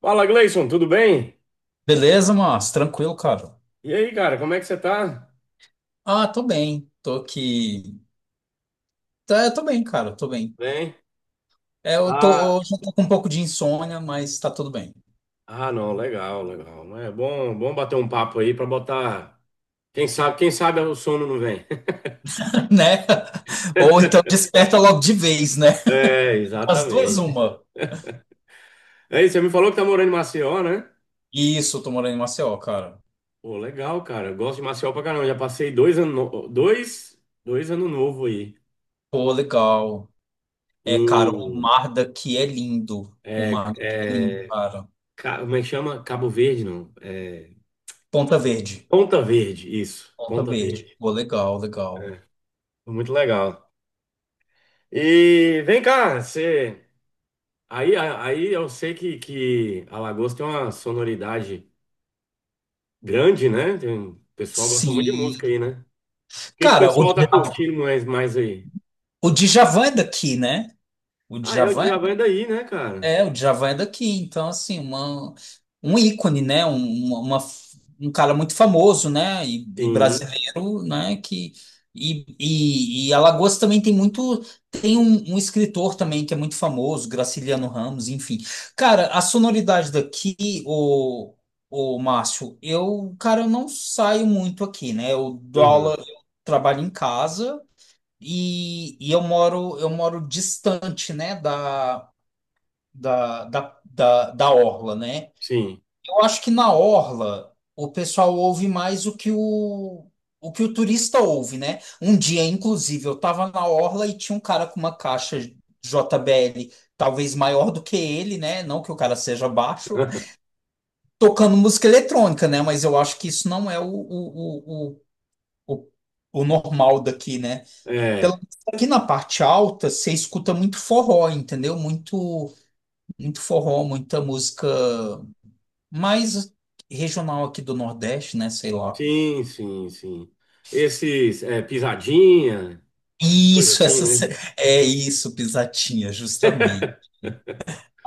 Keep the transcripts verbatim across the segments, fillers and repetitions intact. Fala, Gleison, tudo bem? Beleza, mas tranquilo, cara. E aí, cara, como é que você tá? Ah, tô bem. Tô aqui. Tá, eu tô bem, cara. Tô bem. Bem? É, eu tô, Tá. hoje eu tô com um pouco de insônia, mas tá tudo bem, Ah, não, legal, legal. Mas é bom, bom bater um papo aí pra botar. Quem sabe, quem sabe o sono não vem. né? Ou então desperta logo de vez, né? É, As duas, exatamente. uma. Aí, você me falou que tá morando em Maceió, né? Isso, eu tô morando em Maceió, cara. Pô, legal, cara. Eu gosto de Maceió pra caramba. Já passei dois anos, no- dois, dois anos novo aí. Pô, legal. É, cara, o Em, mar daqui é lindo. O é, mar daqui é lindo, é, cara. ca- como é que chama? Cabo Verde, não. É, Ponta Verde. Ponta Verde, isso. Ponta Ponta Verde. Verde. Pô, legal, legal. Foi muito legal. E vem cá, você. Aí, a- aí eu sei que, que Alagoas tem uma sonoridade grande, né? Tem- O pessoal gosta muito de música Sim. aí, né? O que, que o Cara, o pessoal tá Djavan, curtindo mais, mais aí? o Djavan é daqui, né? O Ah, é o Djavan Djavan é daí, né, cara? É, o Djavan é daqui, então assim, uma, um ícone, né? Um, uma, uma- um cara muito famoso, né? E, e Sim. brasileiro, né? Que, e, e, e Alagoas também tem muito, tem um, um escritor também que é muito famoso, Graciliano Ramos, enfim. Cara, a sonoridade daqui, o, o Márcio, eu, cara, eu não saio muito aqui, né? Eu dou aula, Aham. eu trabalho em casa e, e eu moro, eu moro distante, né? Da da, da, da, da orla, né? Sim. Eu acho que na orla o pessoal ouve mais o que o, o que o turista ouve, né? Um dia, inclusive, eu estava na orla e tinha um cara com uma caixa J B L, talvez maior do que ele, né? Não que o cara seja baixo, tocando música eletrônica, né? Mas eu acho que isso não é o, o, o, o, o o normal daqui, né? Pelo É. menos aqui na parte alta, você escuta muito forró, entendeu? Muito, muito forró, muita música mais regional aqui do Nordeste, né? Sei lá. Sim, sim, sim. Esses é, pisadinha, coisa Isso, assim, essa sé- né? é isso, pisatinha, justamente.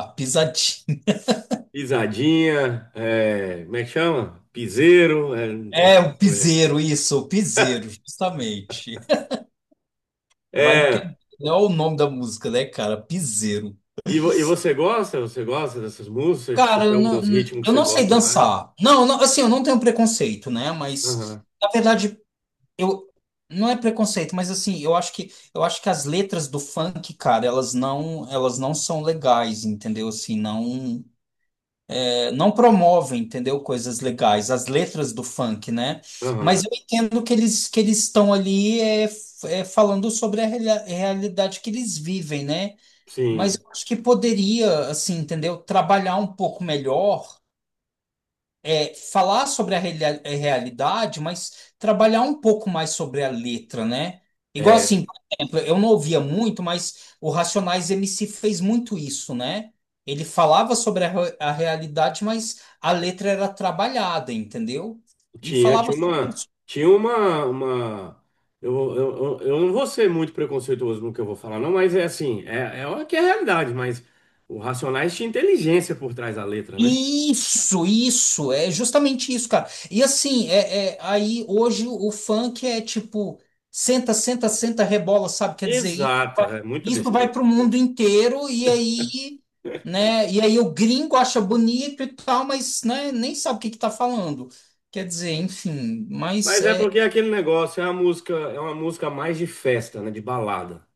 A pisatinha. Pisadinha, é, como é que chama? Piseiro, é, é, É isso que o foi, é. piseiro, isso, o piseiro, justamente. Vai É, entender. Olha o nome da música, né, cara? Piseiro. e, vo- e você gosta? Você gosta dessas músicas? Você Cara, tem eu não, alguns ritmos que eu você não sei gosta mais? dançar. Não, não, assim, eu não tenho preconceito, né? Mas, Aham, na verdade, eu não é preconceito, mas assim, eu acho que eu acho que as letras do funk, cara, elas não elas não são legais, entendeu? Assim, não é, não promovem, entendeu? Coisas legais, as letras do funk, né? Mas aham, eu entendo que eles que eles estão ali é, f- é, falando sobre a reali- realidade que eles vivem, né? Mas sim. eu acho que poderia, assim, entendeu? Trabalhar um pouco melhor é, falar sobre a reali- eh, realidade, mas trabalhar um pouco mais sobre a letra, né? Igual É, assim, por exemplo, eu não ouvia muito, mas o Racionais M C fez muito isso, né? Ele falava sobre a, re- a realidade, mas a letra era trabalhada, entendeu? E tinha, falava tinha sobre, uma, tinha uma, uma eu, eu, eu eu não vou ser muito preconceituoso no que eu vou falar, não, mas é assim, é, é o que é a realidade, mas o Racionais tinha inteligência por trás da letra, né? Isso, isso, é justamente isso, cara. E assim, é, é- aí hoje o funk é tipo, senta, senta, senta, rebola, sabe? Quer dizer, isso Exato, vai, é muita isso vai besteira. pro mundo inteiro e aí, né? E aí o gringo acha bonito e tal, mas né, nem sabe o que que tá falando. Quer dizer, enfim, mas Mas é é porque é aquele negócio, é uma música, é uma música mais de festa, né, de balada.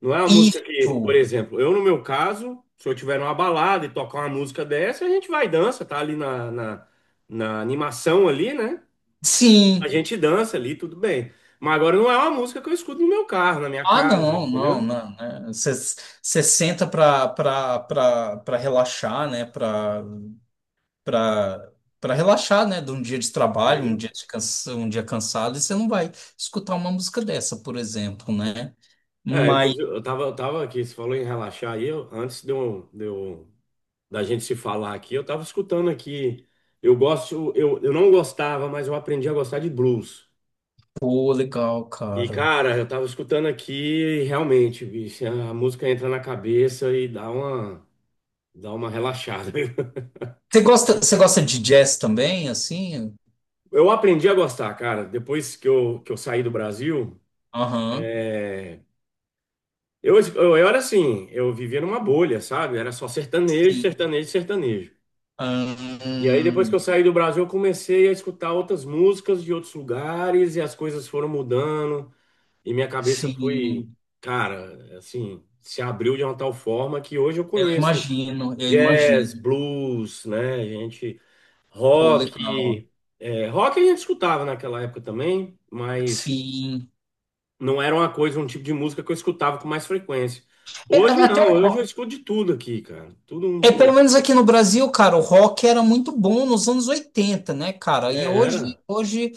Não é uma música que, por isso, exemplo, eu no meu caso, se eu tiver numa balada e tocar uma música dessa, a gente vai e dança, tá ali na, na, na animação ali, né? A sim. gente dança ali, tudo bem. Mas agora não é uma música que eu escuto no meu carro, na minha Ah, casa, não, não, entendeu? não, né? Você senta para relaxar, né? para para para relaxar, né, de um dia de trabalho, um Sim. dia de cansa, um dia cansado, e você não vai escutar uma música dessa, por exemplo, né? É, Mas, inclusive, eu tava, eu tava aqui, você falou em relaxar aí, eu- antes de eu, de eu- da gente se falar aqui, eu tava escutando aqui, eu gosto, eu, eu não gostava, mas eu aprendi a gostar de blues. pô, legal, E, cara. cara, eu tava escutando aqui e realmente, bicho, a música entra na cabeça e dá uma, dá uma relaxada. Você gosta, você gosta de jazz também, assim? Eu aprendi a gostar, cara, depois que eu, que eu saí do Brasil. Aham. É, Eu, eu, eu era assim, eu vivia numa bolha, sabe? Era só sertanejo, Sim. sertanejo, sertanejo. E aí, depois que eu Ahn, saí do Brasil, eu comecei a escutar outras músicas de outros lugares e as coisas foram mudando. E minha cabeça foi, sim. cara, assim, se abriu de uma tal forma que hoje eu Eu conheço. imagino, eu Jazz, imagino. blues, né? A gente Pô, legal. rock, é, rock a gente escutava naquela época também, mas Sim. não era uma coisa, um tipo de música que eu escutava com mais frequência. É, Hoje até não, o hoje eu rock. escuto de tudo aqui, cara. Tudo um É, pelo pouco. menos aqui no Brasil, cara, o rock era muito bom nos anos oitenta né, cara? E É, era. hoje, hoje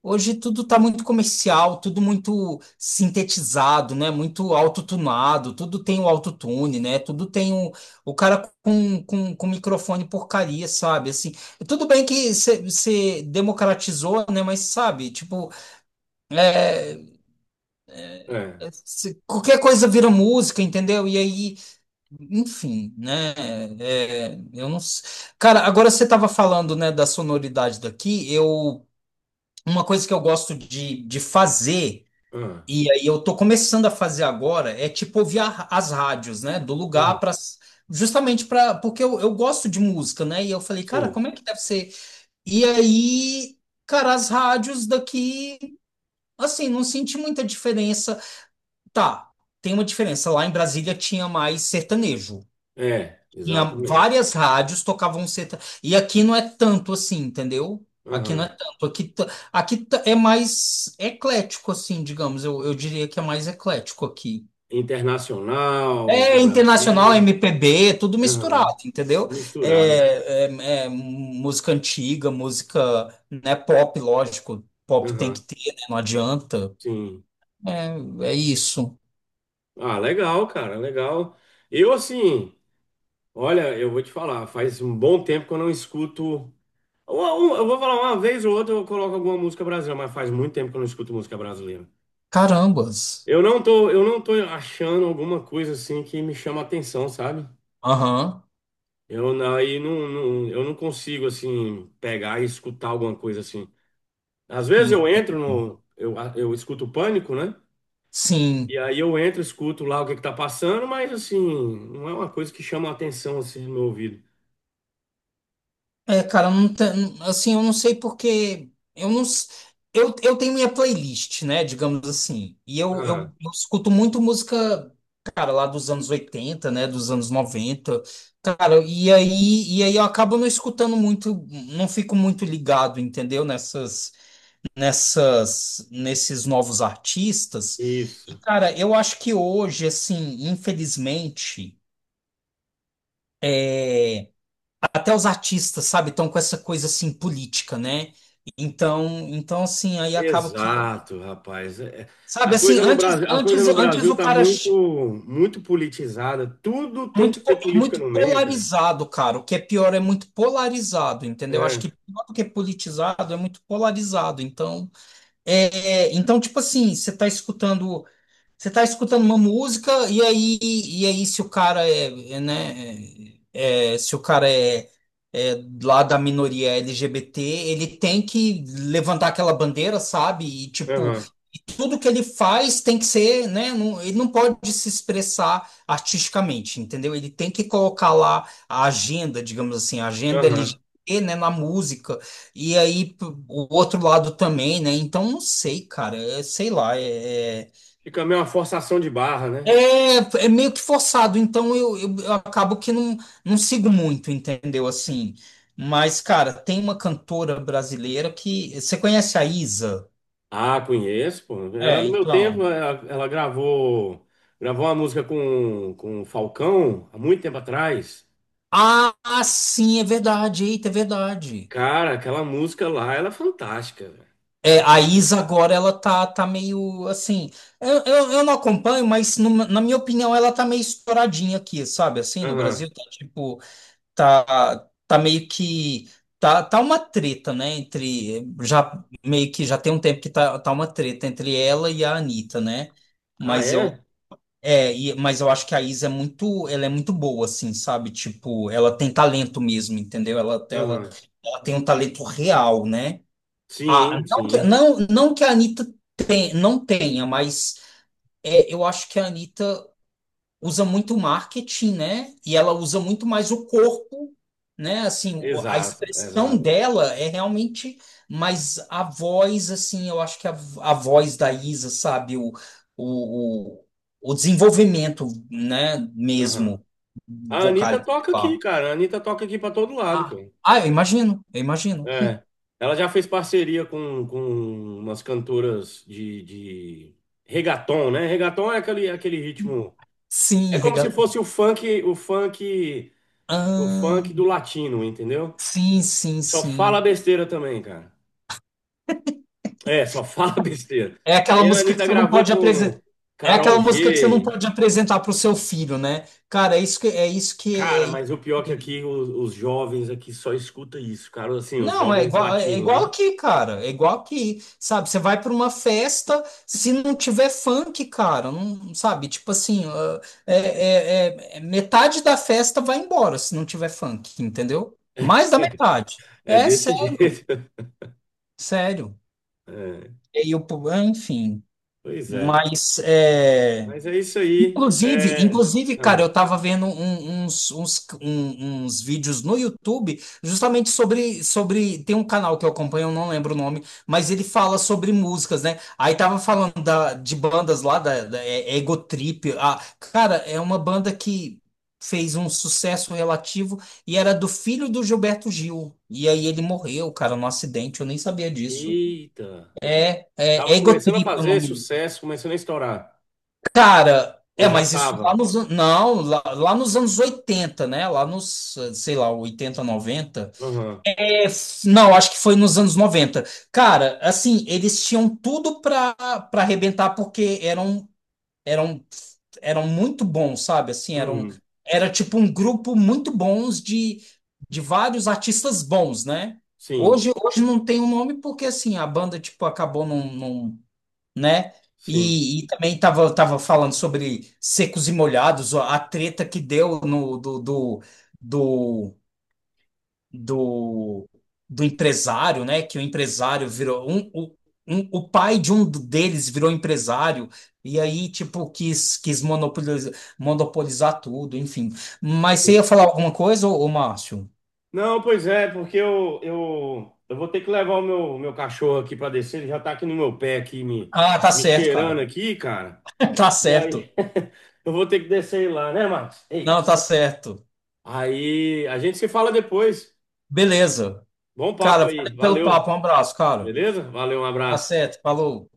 hoje tudo está muito comercial, tudo muito sintetizado, né? Muito autotunado, tudo tem o autotune, né? Tudo tem o, o cara com, com, com microfone porcaria, sabe? Assim, tudo bem que você democratizou, né? Mas sabe, tipo, É. eh, cê- qualquer coisa vira música, entendeu? E aí, enfim, né? É, eu não. s- Cara, agora você estava falando, né, da sonoridade daqui, eu. Uma coisa que eu gosto de, de fazer. Ah, E aí eu tô começando a fazer agora, é tipo ouvir a- as rádios, né, do lugar aham, para justamente para porque eu, eu gosto de música, né? E eu falei, cara, sim. como é que deve ser? E aí, cara, as rádios daqui, assim, não senti muita diferença. Tá, tem uma diferença. Lá em Brasília tinha mais sertanejo. É, Tinha exatamente. várias rádios tocavam sertanejo. E aqui não é tanto assim, entendeu? Aqui não é Aham. tanto. Aqui, t- aqui t- é mais eclético, assim, digamos. Eu, eu diria que é mais eclético aqui. Internacional, do É internacional, Brasil. M P B, é tudo Aham. misturado, entendeu? Misturado. É, é- é música antiga, música, né, pop, lógico. Pop tem que Aham. ter, né? Não adianta. Sim. É, é isso. Ah, legal, cara, legal. Eu assim, olha, eu vou te falar, faz um bom tempo que eu não escuto. Uma- Eu vou falar, uma vez ou outra eu coloco alguma música brasileira, mas faz muito tempo que eu não escuto música brasileira. Carambas. Eu não tô, eu não tô achando alguma coisa assim que me chama atenção, sabe? Aham. Eu não- aí não, não- eu não consigo assim pegar e escutar alguma coisa assim. Às vezes eu Ent- entro no, eu, eu escuto o Pânico, né? E Sim. aí eu entro, escuto lá o que que tá passando, mas assim, não é uma coisa que chama atenção assim no meu ouvido. É, cara, não tem- assim, eu não sei porque eu não s- eu, eu tenho minha playlist, né, digamos assim. E eu, eu, Ah, eu escuto muito música, cara, lá dos anos oitenta, né, dos anos noventa. Cara, e aí e aí eu acabo não escutando muito, não fico muito ligado, entendeu, nessas nessas nesses novos artistas. E, isso. cara, eu acho que hoje, assim, infelizmente é, até os artistas, sabe, estão com essa coisa assim política, né? Então, então assim, aí acaba que, Exato, rapaz. É- A sabe, assim, coisa no antes, Brasil, a coisa antes, no antes Brasil o tá cara muito, ch- muito politizada. Tudo tem que muito po- ter é política muito no meio, cara. polarizado, cara. O que é pior é muito polarizado, entendeu? Acho É, que pior do que politizado é muito polarizado. Então, é, é, então tipo assim, você tá escutando, você tá escutando uma música e aí e aí se o cara é, é, né? é, é, se o cara é, é lá da minoria L G B T, ele tem que levantar aquela bandeira, sabe? E tipo, aham, e tudo que ele faz tem que ser, né? Não, ele não pode se expressar artisticamente, entendeu? Ele tem que colocar lá a agenda, digamos assim, a agenda aham. L G B T, né, na música. E aí p- o outro lado também, né? Então não sei, cara, é, sei lá, é. é, Fica meio uma forçação de barra, né? é, é meio que forçado, então eu, eu, eu acabo que não, não sigo muito, entendeu? Assim, mas, cara, tem uma cantora brasileira que. Você conhece a Isa? Ah, conheço, pô. Ela, É, no meu tempo, então. ela, ela gravou, gravou uma música com, com o Falcão, há muito tempo atrás. Ah, sim, é verdade, eita, é verdade. Cara, aquela música lá, ela é fantástica, velho. É, a Isa Fantástica. agora ela tá, tá meio assim. Eu, eu, eu não acompanho, mas numa- na minha opinião ela tá meio estouradinha aqui, sabe? Assim, no Aham. Brasil tá tipo. Tá, tá meio que tá, tá uma treta, né, entre já meio que já tem um tempo que tá, tá uma treta entre ela e a Anitta, né? Ah, Mas eu é? é, e- mas eu acho que a Isa é muito, ela é muito boa assim, sabe? Tipo, ela tem talento mesmo, entendeu? Ela ela, Aham. ela tem um talento real, né? Ah, Sim, não que, sim. não, não que a Anitta tem, não tenha, mas é, eu acho que a Anitta usa muito marketing, né? E ela usa muito mais o corpo, né? Assim, o- a Exato, expressão exato. dela é realmente, mas a voz, assim, eu acho que a, a voz da Isa, sabe? O, o, o, o desenvolvimento, né? Aham. Mesmo A Anitta vocálico. toca aqui, Tá? cara. A Anitta toca aqui pra todo lado, Ah, cara. ah, eu imagino, eu imagino. É. Ela já fez parceria com, com umas cantoras de, de reggaeton, né? Reggaeton é aquele, aquele ritmo. É Sim, como se fosse regatão. o funk, o funk, o Ah, funk do latino, entendeu? sim, sim, Só sim. fala besteira também, cara. É, só fala besteira. É aquela Aí a música que Anitta você não gravou pode com apresentar. É aquela Carol música que você não G. pode apresentar para o seu filho, né? Cara, é isso que é isso que é Cara, isso mas o pior é que que- aqui os, os jovens aqui só escuta isso, cara. Assim, os Não, é jovens igual, é é latinos, igual né? aqui, cara. É igual aqui, sabe? Você vai para uma festa, se não tiver funk, cara, não sabe? Tipo assim, ah, é, é- é- é- metade da festa vai embora se não tiver funk, entendeu? Mais da metade. É É desse sério, jeito. sério. É, E o, po- enfim, pois é. mas é. Mas é isso aí. Inclusive, É... inclusive, cara, Ah, eu tava vendo um- uns, uns, um- uns vídeos no YouTube justamente sobre, sobre. Tem um canal que eu acompanho, eu não lembro o nome, mas ele fala sobre músicas, né? Aí tava falando da, de bandas lá, da, da é- é Ego Trip. Ah, cara, é uma banda que fez um sucesso relativo e era do filho do Gilberto Gil. E aí ele morreu, cara, num acidente, eu nem sabia disso. eita. É Tava Ego começando a Trip é o fazer nome. sucesso, começando a estourar. Cara, Ou é, já mas isso lá tava? nos, an- não, lá, lá nos anos oitenta né? Lá nos, sei lá, oitenta, noventa. Aham. É, f- não, acho que foi nos anos noventa. Cara, assim, eles tinham tudo pra, pra arrebentar porque eram, eram, eram muito bons, sabe? Assim, eram, Uhum. era tipo um grupo muito bons de, de vários artistas bons, né? Sim, Hoje, hoje não tem o nome porque, assim, a banda, tipo, acabou não, não, né? sim. E, e também tava, tava falando sobre secos e molhados, ó, a treta que deu no do, do, do, do, do empresário, né? Que o empresário virou um, o- um, o pai de um deles virou empresário e aí tipo quis quis monopolizar, monopolizar tudo, enfim. Mas você Sim. ia falar alguma coisa, ô, ô Márcio? Não, pois é, porque eu, eu, eu vou ter que levar o meu, meu cachorro aqui pra descer. Ele já tá aqui no meu pé, aqui, me, Ah, tá me certo, cheirando cara. aqui, cara. Tá E certo. aí, eu vou ter que descer lá, né, Marcos? Ei. Não, tá certo. Aí, a gente se fala depois. Beleza. Bom papo Cara, aí. valeu pelo Valeu. papo. Um abraço, cara. Beleza? Valeu, um Tá abraço. certo, falou.